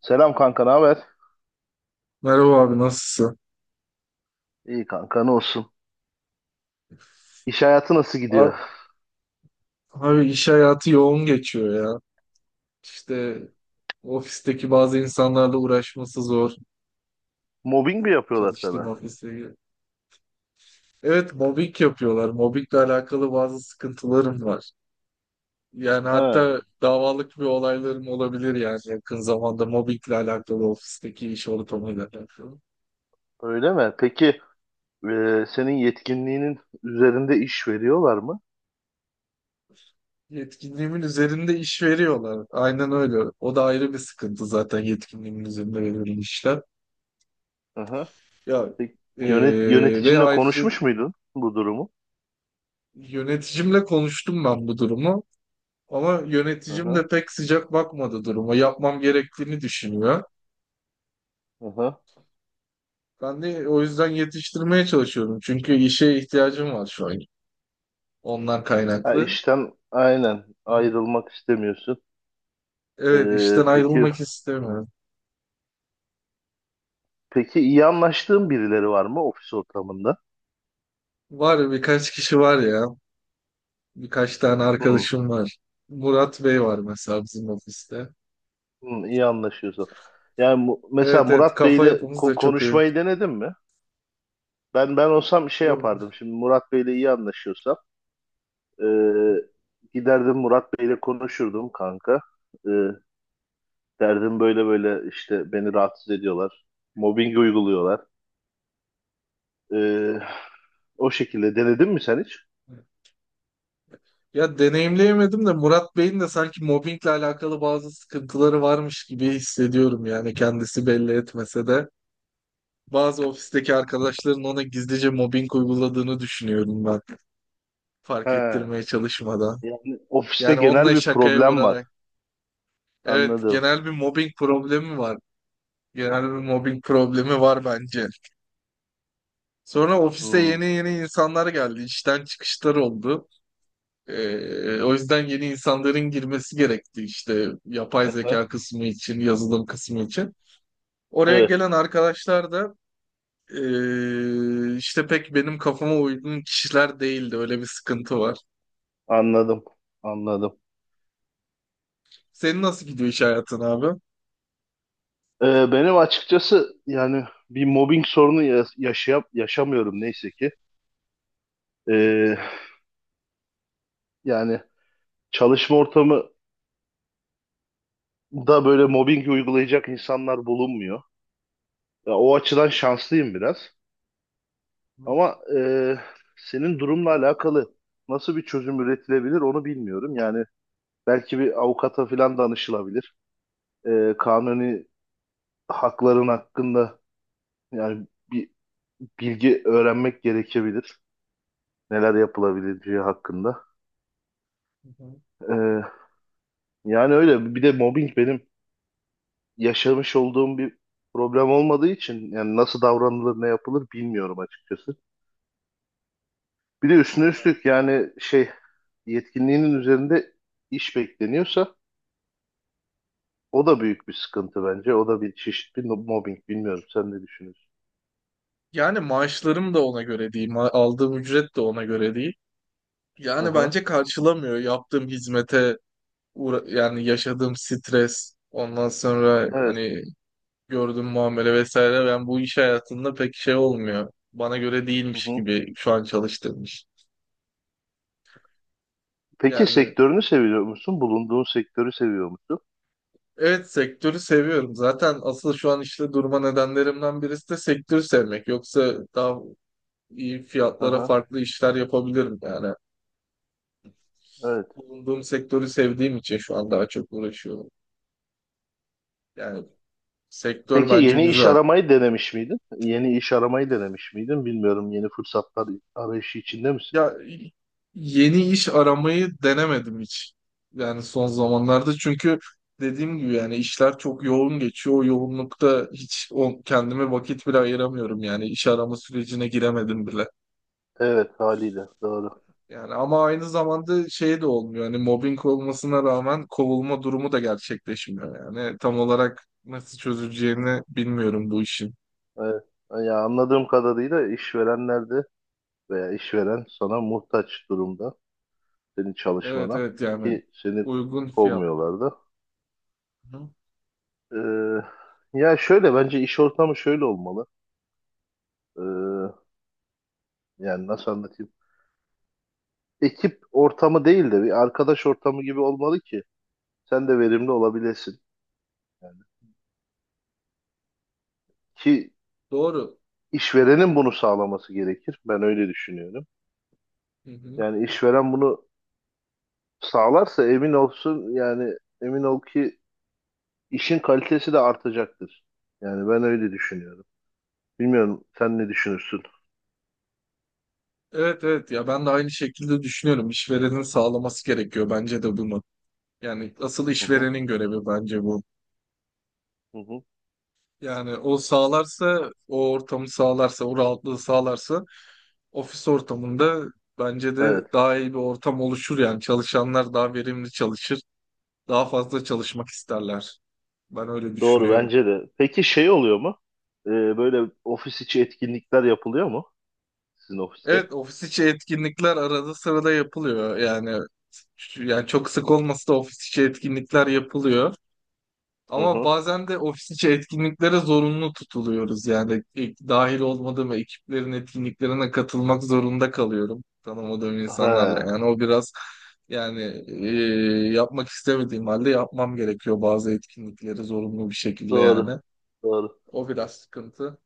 Selam kanka, ne haber? Merhaba abi, nasılsın? İyi kanka, ne olsun? İş hayatı nasıl gidiyor? Abi, abi, iş hayatı yoğun geçiyor ya. İşte ofisteki bazı insanlarla uğraşması zor. Mobbing mi yapıyorlar Çalıştığım sana? ofiste. Evet, mobbing yapıyorlar. Mobbingle alakalı bazı sıkıntılarım var. Yani Ha, hatta davalık bir olaylarım olabilir yani yakın zamanda mobbingle alakalı, ofisteki iş ortamıyla alakalı. öyle mi? Peki senin yetkinliğinin üzerinde iş veriyorlar mı? Yetkinliğimin üzerinde iş veriyorlar. Aynen öyle. O da ayrı bir sıkıntı zaten, yetkinliğimin üzerinde verilen işler. Hı hı. Ya Peki, ve yöneticinle ayrıca konuşmuş muydun bu durumu? yöneticimle konuştum ben bu durumu, ama Hı yöneticim hı, de pek sıcak bakmadı duruma. Yapmam gerektiğini düşünüyor. hı hı. Ben de o yüzden yetiştirmeye çalışıyorum. Çünkü işe ihtiyacım var şu an. Ondan Ha, kaynaklı. işten aynen ayrılmak istemiyorsun. E, Evet, işten peki ayrılmak istemiyorum. peki iyi anlaştığın birileri var mı ofis ortamında? Var ya, birkaç kişi var ya. Birkaç tane Hı, arkadaşım var. Murat Bey var mesela bizim ofiste. hı, iyi anlaşıyorsun. Yani mesela Evet, evet, Murat kafa Bey'le yapımız da çok iyi. konuşmayı denedin mi? Ben olsam şey yapardım. Yok. Şimdi Murat Bey'le iyi anlaşıyorsam e, giderdim, Murat Bey'le konuşurdum kanka. E, Derdim böyle böyle işte beni rahatsız ediyorlar. Mobbing uyguluyorlar. E, O şekilde denedin mi sen hiç? Ya deneyimleyemedim de Murat Bey'in de sanki mobbingle alakalı bazı sıkıntıları varmış gibi hissediyorum yani, kendisi belli etmese de. Bazı ofisteki arkadaşların ona gizlice mobbing uyguladığını düşünüyorum ben. Fark He. ettirmeye çalışmadan. Yani ofiste Yani genel onunla bir şakaya problem var. vurarak. Evet, Anladım. genel bir mobbing problemi var. Genel bir mobbing problemi var bence. Sonra ofiste Hmm. yeni yeni insanlar geldi. İşten çıkışlar oldu. O yüzden yeni insanların girmesi gerekti, işte yapay Aha. zeka kısmı için, yazılım kısmı için. Oraya Evet. gelen arkadaşlar da işte pek benim kafama uygun kişiler değildi. Öyle bir sıkıntı var. Anladım. Anladım. Senin nasıl gidiyor iş hayatın abi? E, Benim açıkçası yani bir mobbing sorunu yaşamıyorum neyse ki. E, Yani çalışma ortamında böyle mobbing uygulayacak insanlar bulunmuyor. Ya, o açıdan şanslıyım biraz. Ama senin durumla alakalı nasıl bir çözüm üretilebilir onu bilmiyorum. Yani belki bir avukata falan danışılabilir. Kanuni hakların hakkında yani bir bilgi öğrenmek gerekebilir. Neler yapılabileceği hakkında. Hı hı. E, Yani öyle. Bir de mobbing benim yaşamış olduğum bir problem olmadığı için yani nasıl davranılır ne yapılır bilmiyorum açıkçası. Bir de üstüne üstlük yani şey yetkinliğinin üzerinde iş bekleniyorsa o da büyük bir sıkıntı bence. O da bir çeşit bir mobbing. Bilmiyorum sen ne düşünüyorsun? Yani maaşlarım da ona göre değil, aldığım ücret de ona göre değil. Hı Yani hı. bence karşılamıyor yaptığım hizmete, yani yaşadığım stres, ondan sonra Evet. hani gördüğüm muamele vesaire. Ben bu iş hayatında pek şey olmuyor. Bana göre Hı değilmiş hı. gibi şu an çalıştığım iş. Peki Yani sektörünü seviyor musun? Bulunduğun sektörü seviyor musun? evet, sektörü seviyorum. Zaten asıl şu an işte durma nedenlerimden birisi de sektörü sevmek. Yoksa daha iyi Hı fiyatlara hı. farklı işler yapabilirim yani. Evet. Bulunduğum sektörü sevdiğim için şu an daha çok uğraşıyorum. Yani sektör Peki bence yeni iş güzel. aramayı denemiş miydin? Yeni iş aramayı denemiş miydin? Bilmiyorum. Yeni fırsatlar arayışı içinde misin? Ya, yeni iş aramayı denemedim hiç. Yani son zamanlarda, çünkü dediğim gibi yani işler çok yoğun geçiyor. O yoğunlukta hiç kendime vakit bile ayıramıyorum yani, iş arama sürecine giremedim bile. Evet, haliyle doğru. Yani ama aynı zamanda şey de olmuyor. Hani mobbing olmasına rağmen kovulma durumu da gerçekleşmiyor. Yani tam olarak nasıl çözüleceğini bilmiyorum bu işin. Evet. Ya anladığım kadarıyla işverenler de veya işveren sana muhtaç durumda, senin Evet, çalışmana, evet, yani ki seni uygun fiyatlı. kovmuyorlardı. Hı. Ya şöyle bence iş ortamı şöyle olmalı. Ee, Yani nasıl anlatayım? Ekip ortamı değil de bir arkadaş ortamı gibi olmalı ki sen de verimli olabilesin. Yani ki Doğru. işverenin bunu sağlaması gerekir. Ben öyle düşünüyorum. Hı hı. Yani işveren bunu sağlarsa emin olsun, yani emin ol ki işin kalitesi de artacaktır. Yani ben öyle düşünüyorum. Bilmiyorum sen ne düşünürsün? Evet, evet, ya ben de aynı şekilde düşünüyorum. İşverenin sağlaması gerekiyor bence de bunu. Yani asıl Hı hı, işverenin görevi bence bu. hı hı. Yani o sağlarsa, o ortamı sağlarsa, o rahatlığı sağlarsa ofis ortamında bence Ee, de daha iyi bir ortam oluşur, yani çalışanlar daha verimli çalışır, daha fazla çalışmak isterler. Ben öyle Doğru düşünüyorum. bence de. Peki şey oluyor mu? Böyle ofis içi etkinlikler yapılıyor mu sizin ofiste? Evet, ofis içi etkinlikler arada sırada yapılıyor. Yani çok sık olmasa da ofis içi etkinlikler yapılıyor. Hı Ama hı. bazen de ofis içi etkinliklere zorunlu tutuluyoruz. Yani ilk dahil olmadığım ekiplerin etkinliklerine katılmak zorunda kalıyorum tanımadığım insanlarla. He, Yani o biraz, yani yapmak istemediğim halde yapmam gerekiyor bazı etkinlikleri zorunlu bir şekilde doğru. yani. Doğru. O biraz sıkıntı.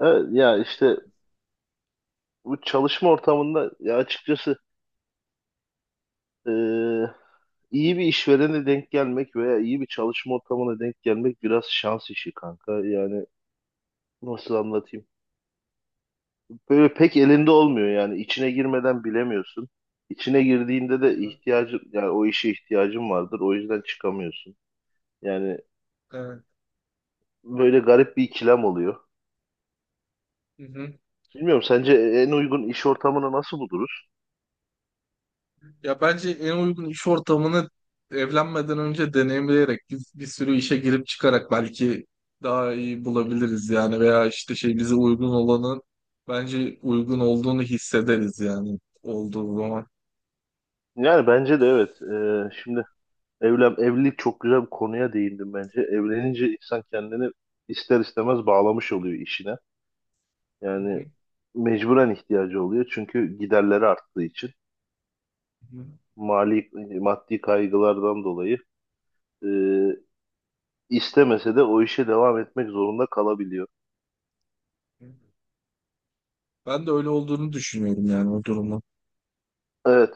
Evet, ya işte bu çalışma ortamında ya açıkçası e, iyi bir işverene denk gelmek veya iyi bir çalışma ortamına denk gelmek biraz şans işi kanka. Yani nasıl anlatayım? Böyle pek elinde olmuyor, yani içine girmeden bilemiyorsun. İçine girdiğinde de Aha. ihtiyacın, yani o işe ihtiyacın vardır, o yüzden çıkamıyorsun. Yani Evet. böyle garip bir ikilem oluyor. Hı hı. Bilmiyorum, sence en uygun iş ortamını nasıl buluruz? Ya bence en uygun iş ortamını evlenmeden önce deneyimleyerek, biz bir sürü işe girip çıkarak belki daha iyi Hı hı. bulabiliriz yani, veya işte şey, bize uygun olanın bence uygun olduğunu hissederiz yani olduğu zaman. Yani bence de evet. Şimdi evlilik çok güzel bir konuya değindim bence. Evlenince insan kendini ister istemez bağlamış oluyor işine. Hı Yani hı, mecburen ihtiyacı oluyor çünkü giderleri arttığı için hı mali maddi kaygılardan dolayı. Ee, istemese de o işe devam etmek zorunda kalabiliyor. hı. Ben de öyle olduğunu düşünüyorum yani, o durumu. Evet.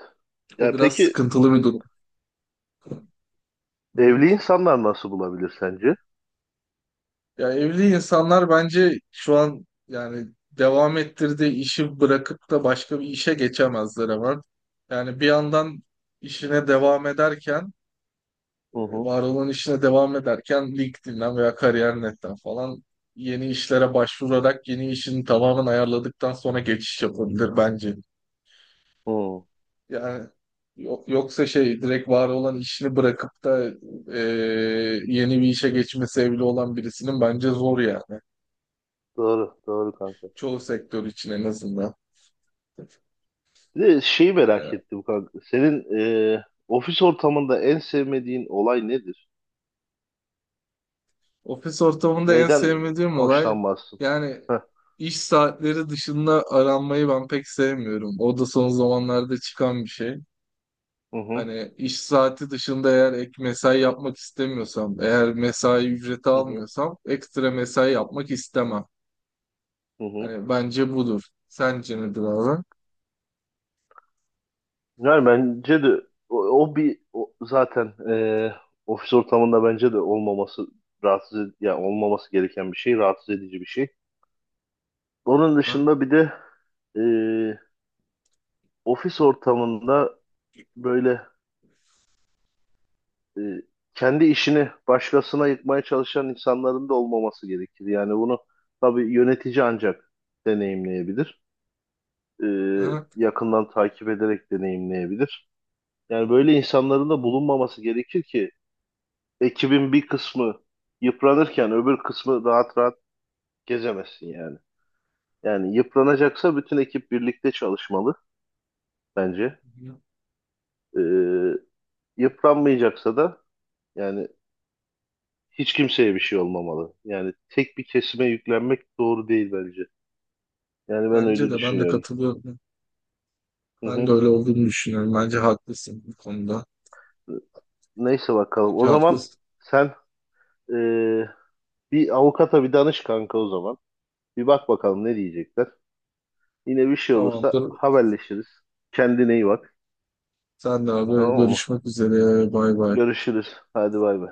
O Ya biraz peki sıkıntılı bir durum. Hı hı. evli insanlar nasıl bulabilir sence? Ya evli insanlar bence şu an yani devam ettirdiği işi bırakıp da başka bir işe geçemezler hemen. Yani bir yandan işine devam ederken, Hı hı. var olan işine devam ederken LinkedIn'den veya kariyer.net'ten falan yeni işlere başvurarak, yeni işini tamamen ayarladıktan sonra geçiş yapabilir bence. Hı. Yani yoksa şey, direkt var olan işini bırakıp da e, yeni bir işe geçmesi evli olan birisinin bence zor yani. Doğru, doğru kanka. Çoğu sektör için en azından. Bir de şeyi merak Ee, ettim kanka. Senin e, ofis ortamında en sevmediğin olay nedir? Ofis ortamında en Neyden sevmediğim olay, hoşlanmazsın? yani Heh. iş saatleri dışında aranmayı ben pek sevmiyorum. O da son zamanlarda çıkan bir şey. Hı hı. Hani iş saati dışında eğer ek mesai yapmak istemiyorsam, eğer mesai ücreti Hı hı. almıyorsam ekstra mesai yapmak istemem. Hı hı. Hani bence budur. Sence nedir abi? Yani bence de zaten ofis ortamında bence de olmaması yani olmaması gereken bir şey, rahatsız edici bir şey. Onun Hı? dışında bir de e, ofis ortamında böyle e, kendi işini başkasına yıkmaya çalışan insanların da olmaması gerekir. Yani bunu tabii yönetici ancak deneyimleyebilir. E, Hı? Yakından takip ederek deneyimleyebilir. Yani böyle insanların da bulunmaması gerekir ki ekibin bir kısmı yıpranırken öbür kısmı rahat rahat gezemezsin yani. Yani yıpranacaksa bütün ekip birlikte çalışmalı bence. Ee, Yıpranmayacaksa da yani hiç kimseye bir şey olmamalı. Yani tek bir kesime yüklenmek doğru değil bence. Yani ben Bence öyle de, ben de düşünüyorum. katılıyorum. Hı Ben de hı. öyle olduğunu düşünüyorum. Bence haklısın bu konuda. Neyse bakalım. Bence O zaman haklısın. sen ee, bir avukata bir danış kanka o zaman. Bir bak bakalım ne diyecekler. Yine bir şey olursa Tamamdır. haberleşiriz. Kendine iyi bak. Senle abi Tamam mı? görüşmek üzere. Bay bay. Görüşürüz. Hadi bay bay.